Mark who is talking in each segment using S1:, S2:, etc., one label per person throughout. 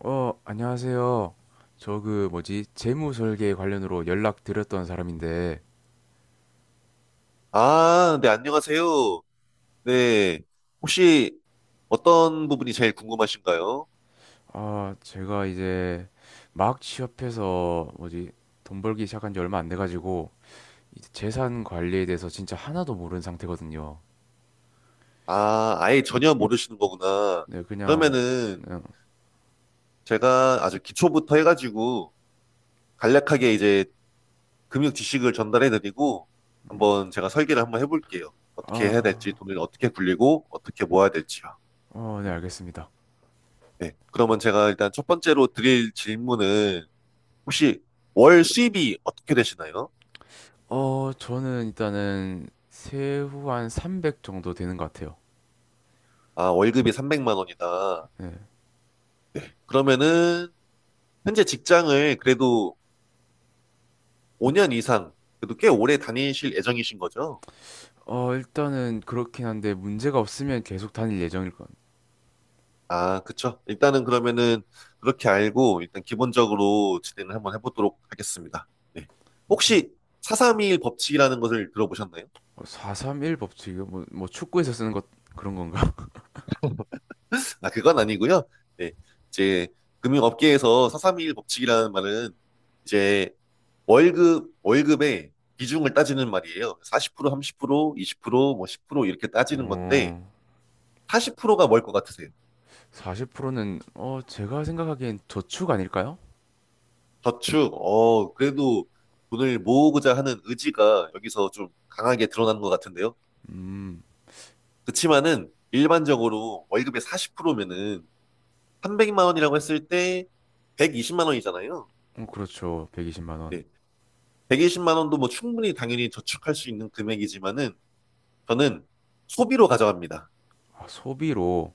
S1: 안녕하세요. 저 그 뭐지? 재무 설계 관련으로 연락드렸던 사람인데,
S2: 아, 네, 안녕하세요. 네. 혹시 어떤 부분이 제일 궁금하신가요?
S1: 제가 이제 막 취업해서 뭐지? 돈 벌기 시작한 지 얼마 안 돼가지고, 이제 재산 관리에 대해서 진짜 하나도 모르는 상태거든요.
S2: 아, 아예 전혀 모르시는 거구나.
S1: 네, 그냥 뭐,
S2: 그러면은
S1: 그냥,
S2: 제가 아주 기초부터 해가지고 간략하게 이제 금융 지식을 전달해드리고 한번 제가 설계를 한번 해볼게요. 어떻게 해야 될지,
S1: 아,
S2: 돈을 어떻게 굴리고 어떻게 모아야 될지요.
S1: 네,
S2: 음,
S1: 알겠습니다.
S2: 네. 그러면 제가 일단 첫 번째로 드릴 질문은 혹시 월 수입이 어떻게 되시나요?
S1: 저는 일단은 세후 한 300 정도 되는 것 같아요.
S2: 아, 월급이 삼백만 원이다.
S1: 네.
S2: 그러면은 현재 직장을 그래도 5년 이상, 그래도 꽤 오래 다니실 예정이신 거죠?
S1: 일단은 그렇긴 한데 문제가 없으면 계속 다닐 예정일 것.
S2: 아, 그쵸. 일단은 그러면은 그렇게 알고 일단 기본적으로 진행을 한번 해보도록 하겠습니다. 네. 혹시 431 법칙이라는 것을 들어보셨나요?
S1: 431 법칙 이거 뭐 축구에서 쓰는 것 그런 건가?
S2: 아, 그건 아니고요. 네. 이제 금융업계에서 431 법칙이라는 말은 이제 월급, 월급의 비중을 따지는 말이에요. 40%, 30%, 20%, 뭐10% 이렇게 따지는 건데
S1: 어,
S2: 40%가 뭘 것 같으세요?
S1: 40%는 어 제가 생각하기엔 저축 아닐까요?
S2: 저축, 어, 그래도 돈을 모으고자 하는 의지가 여기서 좀 강하게 드러나는 것 같은데요.
S1: 음,
S2: 그치만은 일반적으로 월급의 40%면은 300만 원이라고 했을 때 120만 원이잖아요.
S1: 어, 그렇죠. 120만 원.
S2: 네. 120만 원도 뭐 충분히 당연히 저축할 수 있는 금액이지만은 저는 소비로 가져갑니다.
S1: 아, 소비로.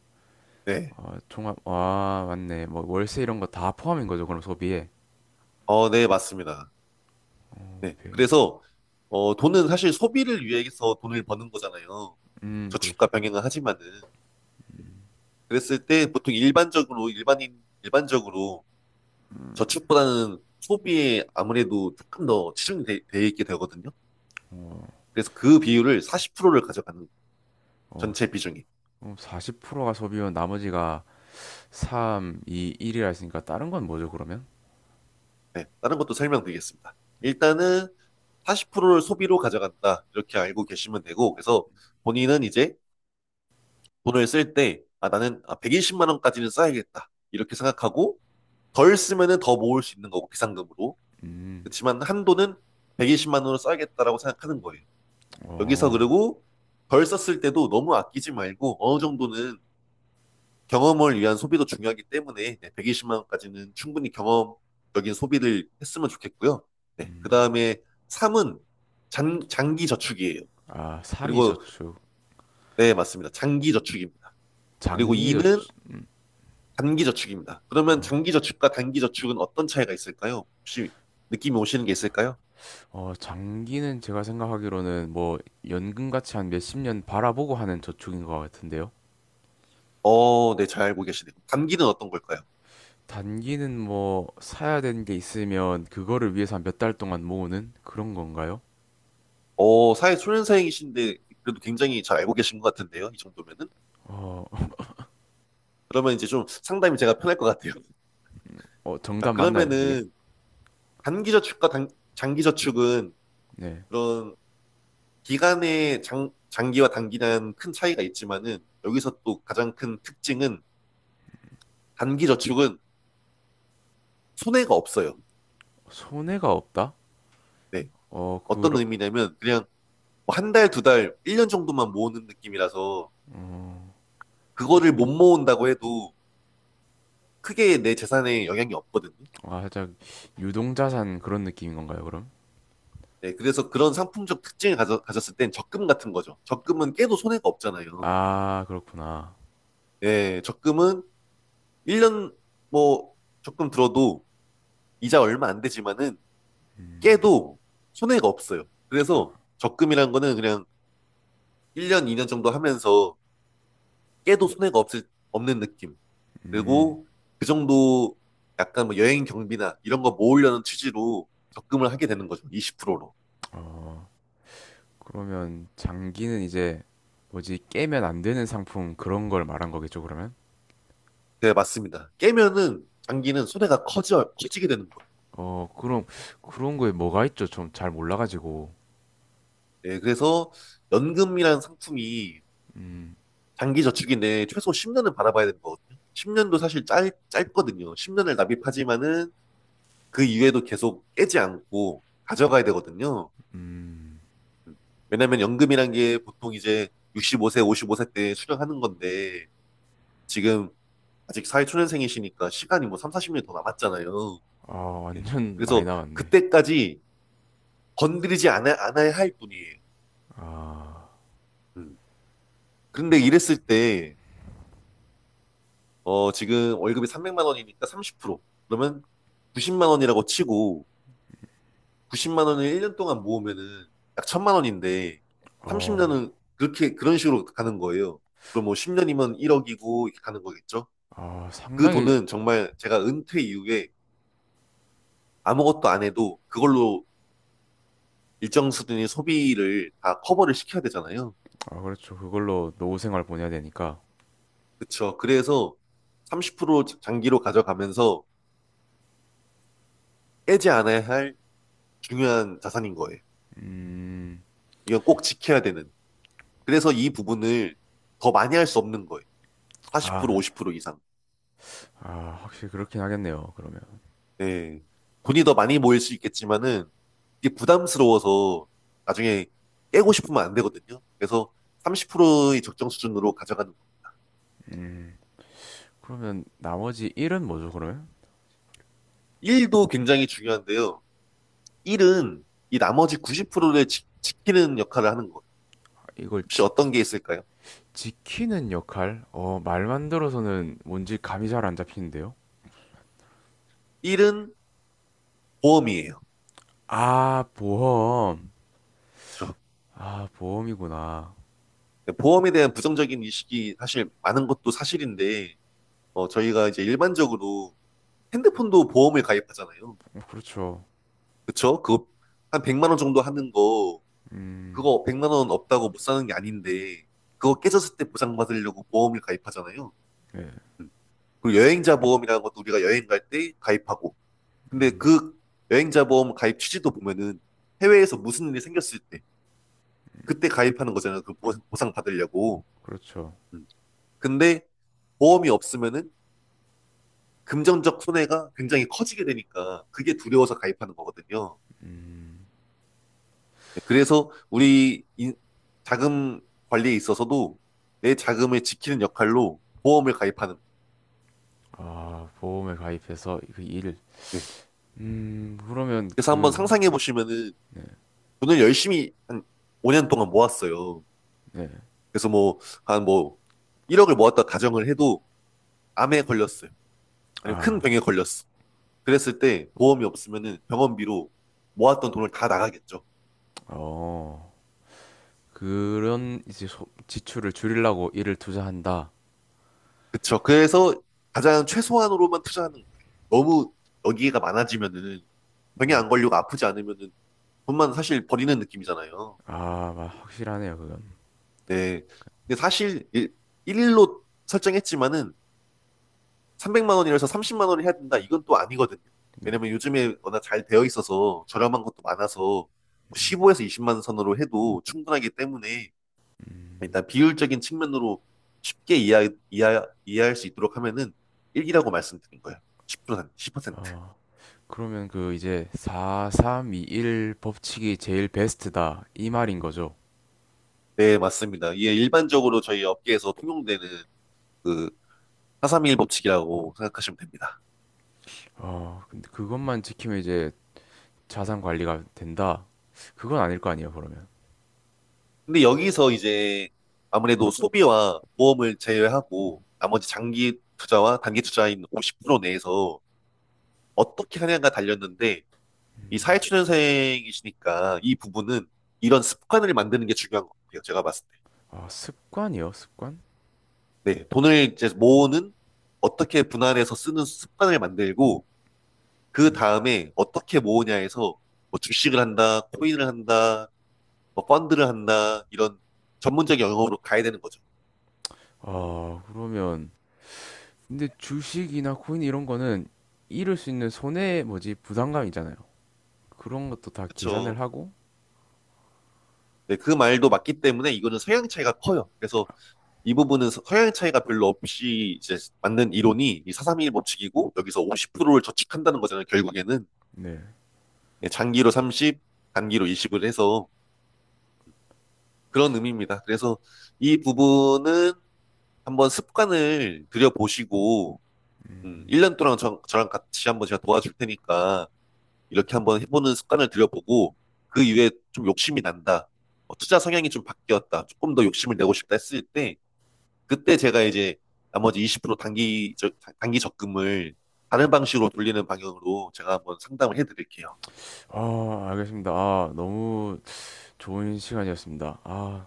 S2: 네.
S1: 아, 종합 아 맞네. 뭐 월세 이런 거 다 포함인 거죠, 그럼 소비에.
S2: 어, 네, 맞습니다.
S1: 어,
S2: 네.
S1: 120.
S2: 그래서 돈은 사실 소비를 위해서 돈을 버는 거잖아요. 저축과
S1: 그렇죠.
S2: 병행을 하지만은. 그랬을 때 보통 일반적으로 일반인 일반적으로 저축보다는 소비에 아무래도 조금 더 치중돼 돼돼 있게 되거든요.
S1: 어,
S2: 그래서 그 비율을 40%를 가져가는
S1: 어,
S2: 전체 비중이.
S1: 40%가 소비면 나머지가 3, 2, 1이라 했으니까 다른 건 뭐죠, 그러면?
S2: 네, 다른 것도 설명드리겠습니다. 일단은 40%를 소비로 가져간다. 이렇게 알고 계시면 되고 그래서 본인은 이제 돈을 쓸 때 아, 나는 아, 120만 원까지는 써야겠다. 이렇게 생각하고 덜 쓰면은 더 모을 수 있는 거고 비상금으로.
S1: 음,
S2: 그렇지만 한도는 120만 원으로 써야겠다라고 생각하는 거예요. 여기서
S1: 어,
S2: 그리고 덜 썼을 때도 너무 아끼지 말고 어느 정도는 경험을 위한 소비도 중요하기 때문에 네, 120만 원까지는 충분히 경험적인 소비를 했으면 좋겠고요. 네, 그
S1: 음,
S2: 다음에 3은 장기 저축이에요.
S1: 아, 3이
S2: 그리고
S1: 저축,
S2: 네, 맞습니다. 장기 저축입니다. 그리고
S1: 장기
S2: 2는
S1: 저축,
S2: 단기 저축입니다.
S1: 아,
S2: 그러면
S1: 어,
S2: 장기 저축과 단기 저축은 어떤 차이가 있을까요? 혹시 느낌이 오시는 게 있을까요?
S1: 어, 장기는 제가 생각하기로는 뭐 연금같이 한 몇십 년 바라보고 하는 저축인 것 같은데요.
S2: 어, 네, 잘 알고 계시네요. 단기는 어떤 걸까요?
S1: 단기는 뭐 사야 되는 게 있으면 그거를 위해서 한 몇 달 동안 모으는 그런 건가요?
S2: 어, 사회 초년생이신데 그래도 굉장히 잘 알고 계신 것 같은데요. 이 정도면은.
S1: 어,
S2: 음. 그러면 이제 좀 상담이 제가 편할 것 같아요.
S1: 어,
S2: 자,
S1: 정답 맞나요, 그게?
S2: 그러면은 단기저축과 단, 장기저축은
S1: 네.
S2: 그런 기간의 장, 장기와 단기는 큰 차이가 있지만은 여기서 또 가장 큰 특징은 단기저축은 손해가 없어요.
S1: 손해가 없다?
S2: 네.
S1: 어,
S2: 어떤
S1: 그러,
S2: 의미냐면 그냥 뭐한 달, 두 달, 일 년 정도만 모으는 느낌이라서 그거를 못 모은다고 해도 크게 내 재산에 영향이 없거든요.
S1: 아, 살짝 유동자산 그런 느낌인 건가요, 그럼?
S2: 네, 그래서 그런 상품적 특징을 가졌을 땐 적금 같은 거죠. 적금은 깨도 손해가 없잖아요.
S1: 아, 그렇구나.
S2: 예, 적금은 1년 뭐 적금 들어도 이자 얼마 안 되지만은 깨도 손해가 없어요. 그래서 적금이란 거는 그냥 1년, 2년 정도 하면서 깨도 손해가 없을, 없는 느낌.
S1: 음,
S2: 그리고 그 정도 약간 뭐 여행 경비나 이런 거 모으려는 취지로 적금을 하게 되는 거죠. 20%로.
S1: 어, 그러면 장기는 이제 뭐지, 깨면 안 되는 상품 그런 걸 말한 거겠죠, 그러면?
S2: 네, 맞습니다. 깨면은 장기는 손해가 커지게 되는 거예요.
S1: 어, 그럼 그런 거에 뭐가 있죠? 좀 잘 몰라가지고.
S2: 네, 그래서 연금이라는 상품이
S1: 음,
S2: 장기 저축인데 최소 10년은 받아봐야 되는 거거든요. 10년도 사실 짧거든요. 10년을 납입하지만은 그 이후에도 계속 깨지 않고 가져가야 되거든요.
S1: 음.
S2: 음, 왜냐면 연금이란 게 보통 이제 65세, 55세 때 수령하는 건데 지금 아직 사회초년생이시니까 시간이 뭐 3, 40년 더 남았잖아요.
S1: 아,
S2: 네,
S1: 완전 많이
S2: 그래서
S1: 남았네.
S2: 그때까지 건드리지 않아야 할 뿐이에요.
S1: 아,
S2: 음, 그런데 이랬을 때 지금 월급이 300만 원이니까 30%. 그러면 90만 원이라고 치고 90만 원을 1년 동안 모으면은 약 1,000만 원인데
S1: 어,
S2: 30년은 그렇게 그런 식으로 가는 거예요. 그럼 뭐 10년이면 1억이고 이렇게 가는 거겠죠?
S1: 아,
S2: 그
S1: 상당히,
S2: 돈은 정말 제가 은퇴 이후에 아무것도 안 해도 그걸로 일정 수준의 소비를 다 커버를 시켜야 되잖아요.
S1: 아, 그렇죠. 그걸로 노후 생활 보내야 되니까.
S2: 그쵸. 그래서 30% 장기로 가져가면서 깨지 않아야 할 중요한 자산인 거예요.
S1: 음,
S2: 이건 꼭 지켜야 되는. 그래서 이 부분을 더 많이 할 수 없는 거예요. 40%
S1: 아,
S2: 50% 이상.
S1: 아, 확실히 그렇긴 하겠네요, 그러면.
S2: 네. 돈이 더 많이 모일 수 있겠지만은 이게 부담스러워서 나중에 깨고 싶으면 안 되거든요. 그래서 30%의 적정 수준으로 가져가는 거.
S1: 그러면 나머지 일은 뭐죠, 그러면?
S2: 1도 굉장히 중요한데요. 1은 이 나머지 90%를 키는 역할을 하는 거예요.
S1: 이걸
S2: 혹시
S1: 지,
S2: 어떤 게 있을까요?
S1: 지키는 역할? 어, 말만 들어서는 뭔지 감이 잘 안 잡히는데요?
S2: 1은 보험이에요.
S1: 아, 보험.
S2: 그렇죠?
S1: 아, 보험이구나.
S2: 네, 보험에 대한 부정적인 인식이 사실 많은 것도 사실인데 저희가 이제 일반적으로 핸드폰도 보험을 가입하잖아요.
S1: 어, 그렇죠.
S2: 그쵸? 그거 한 100만 원 정도 하는 거
S1: 음,
S2: 그거 100만 원 없다고 못 사는 게 아닌데 그거 깨졌을 때 보상받으려고 보험을 가입하잖아요.
S1: 네.
S2: 음. 그리고 여행자 보험이라는 것도 우리가 여행 갈 때 가입하고 근데
S1: 음,
S2: 그 여행자 보험 가입 취지도 보면은 해외에서 무슨 일이 생겼을 때 그때 가입하는 거잖아요. 그 보상 받으려고.
S1: 그렇죠.
S2: 음. 근데 보험이 없으면은 금전적 손해가 굉장히 커지게 되니까 그게 두려워서 가입하는 거거든요.
S1: 음,
S2: 네, 그래서 우리 자금 관리에 있어서도 내 자금을 지키는 역할로 보험을 가입하는
S1: 아, 보험에 가입해서 그 일.
S2: 거예요. 네.
S1: 그러면
S2: 그래서 한번
S1: 그,
S2: 상상해 보시면은 돈을 열심히 한 5년 동안 모았어요.
S1: 네.
S2: 그래서 뭐 한 뭐 1억을 모았다 가정을 해도 암에 걸렸어요. 아니면 큰
S1: 아,
S2: 병에 걸렸어. 그랬을 때 보험이 없으면은 병원비로 모았던 돈을 다 나가겠죠.
S1: 어, 그런 이제 소- 지출을 줄이려고 일을 투자한다.
S2: 그쵸. 그래서 가장 최소한으로만 투자하는 거예요. 너무 여기가 많아지면은 병에 안 걸리고 아프지 않으면은 돈만 사실 버리는 느낌이잖아요.
S1: 아, 마- 확실하네요, 그건.
S2: 네. 근데 사실 일로 설정했지만은 300만 원이라서 30만 원을 해야 된다. 이건 또 아니거든요.
S1: 네.
S2: 왜냐면 요즘에 워낙 잘 되어 있어서 저렴한 것도 많아서 15에서 20만 원 선으로 해도 충분하기 때문에
S1: 음,
S2: 일단 비율적인 측면으로 쉽게 이해할 수 있도록 하면은 1이라고 말씀드린 거예요. 10%, 센트
S1: 아, 그러면 그 이제 4321 법칙이 제일 베스트다, 이 말인 거죠.
S2: 네, 맞습니다. 이게 일반적으로 저희 업계에서 통용되는 그431 법칙이라고 생각하시면 됩니다.
S1: 아, 근데 그것만 지키면 이제 자산 관리가 된다. 그건 아닐 거 아니에요, 그러면.
S2: 근데 여기서 이제 아무래도 소비와 보험을 제외하고 나머지 장기 투자와 단기 투자인 50% 내에서 어떻게 하냐가 달렸는데 이 사회초년생이시니까 이 부분은 이런 습관을 만드는 게 중요한 것 같아요. 제가 봤을
S1: 아, 습관이요? 습관?
S2: 때. 네, 돈을 이제 모으는 어떻게 분할해서 쓰는 습관을 만들고 그 다음에 어떻게 모으냐 해서 뭐 주식을 한다, 코인을 한다, 뭐 펀드를 한다 이런 전문적 영역으로 가야 되는 거죠.
S1: 아, 그러면 근데 주식이나 코인 이런 거는 잃을 수 있는 손해 뭐지 부담감 있잖아요. 그런 것도 다 계산을
S2: 그렇죠.
S1: 하고.
S2: 네, 그 말도 맞기 때문에 이거는 성향 차이가 커요. 그래서 이 부분은 성향 차이가 별로 없이 이제 맞는 이론이 이 431 법칙이고 여기서 50%를 저축한다는 거잖아요. 결국에는
S1: 네.
S2: 예, 장기로 30, 단기로 20을 해서 그런 의미입니다. 그래서 이 부분은 한번 습관을 들여보시고 1년 동안 저랑 같이 한번 제가 도와줄 테니까 이렇게 한번 해보는 습관을 들여보고 그 이후에 좀 욕심이 난다. 어, 투자 성향이 좀 바뀌었다. 조금 더 욕심을 내고 싶다 했을 때 그때 제가 이제 나머지 20% 단기 적금을 다른 방식으로 돌리는 방향으로 제가 한번 상담을 해드릴게요.
S1: 아, 알겠습니다. 아, 너무 좋은 시간이었습니다. 아,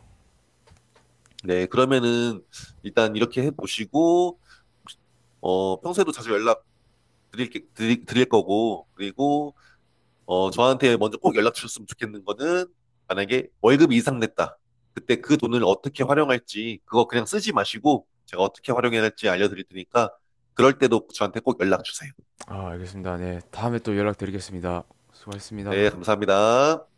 S2: 네, 그러면은 일단 이렇게 해보시고, 어, 평소에도 자주 연락 드릴 거고, 그리고, 어, 저한테 먼저 꼭 연락 주셨으면 좋겠는 거는 만약에 월급 이상 냈다. 그때 그 돈을 어떻게 활용할지, 그거 그냥 쓰지 마시고, 제가 어떻게 활용해야 할지 알려드릴 테니까, 그럴 때도 저한테 꼭 연락 주세요.
S1: 아, 알겠습니다. 네, 다음에 또 연락드리겠습니다. 수고하셨습니다.
S2: 네, 감사합니다.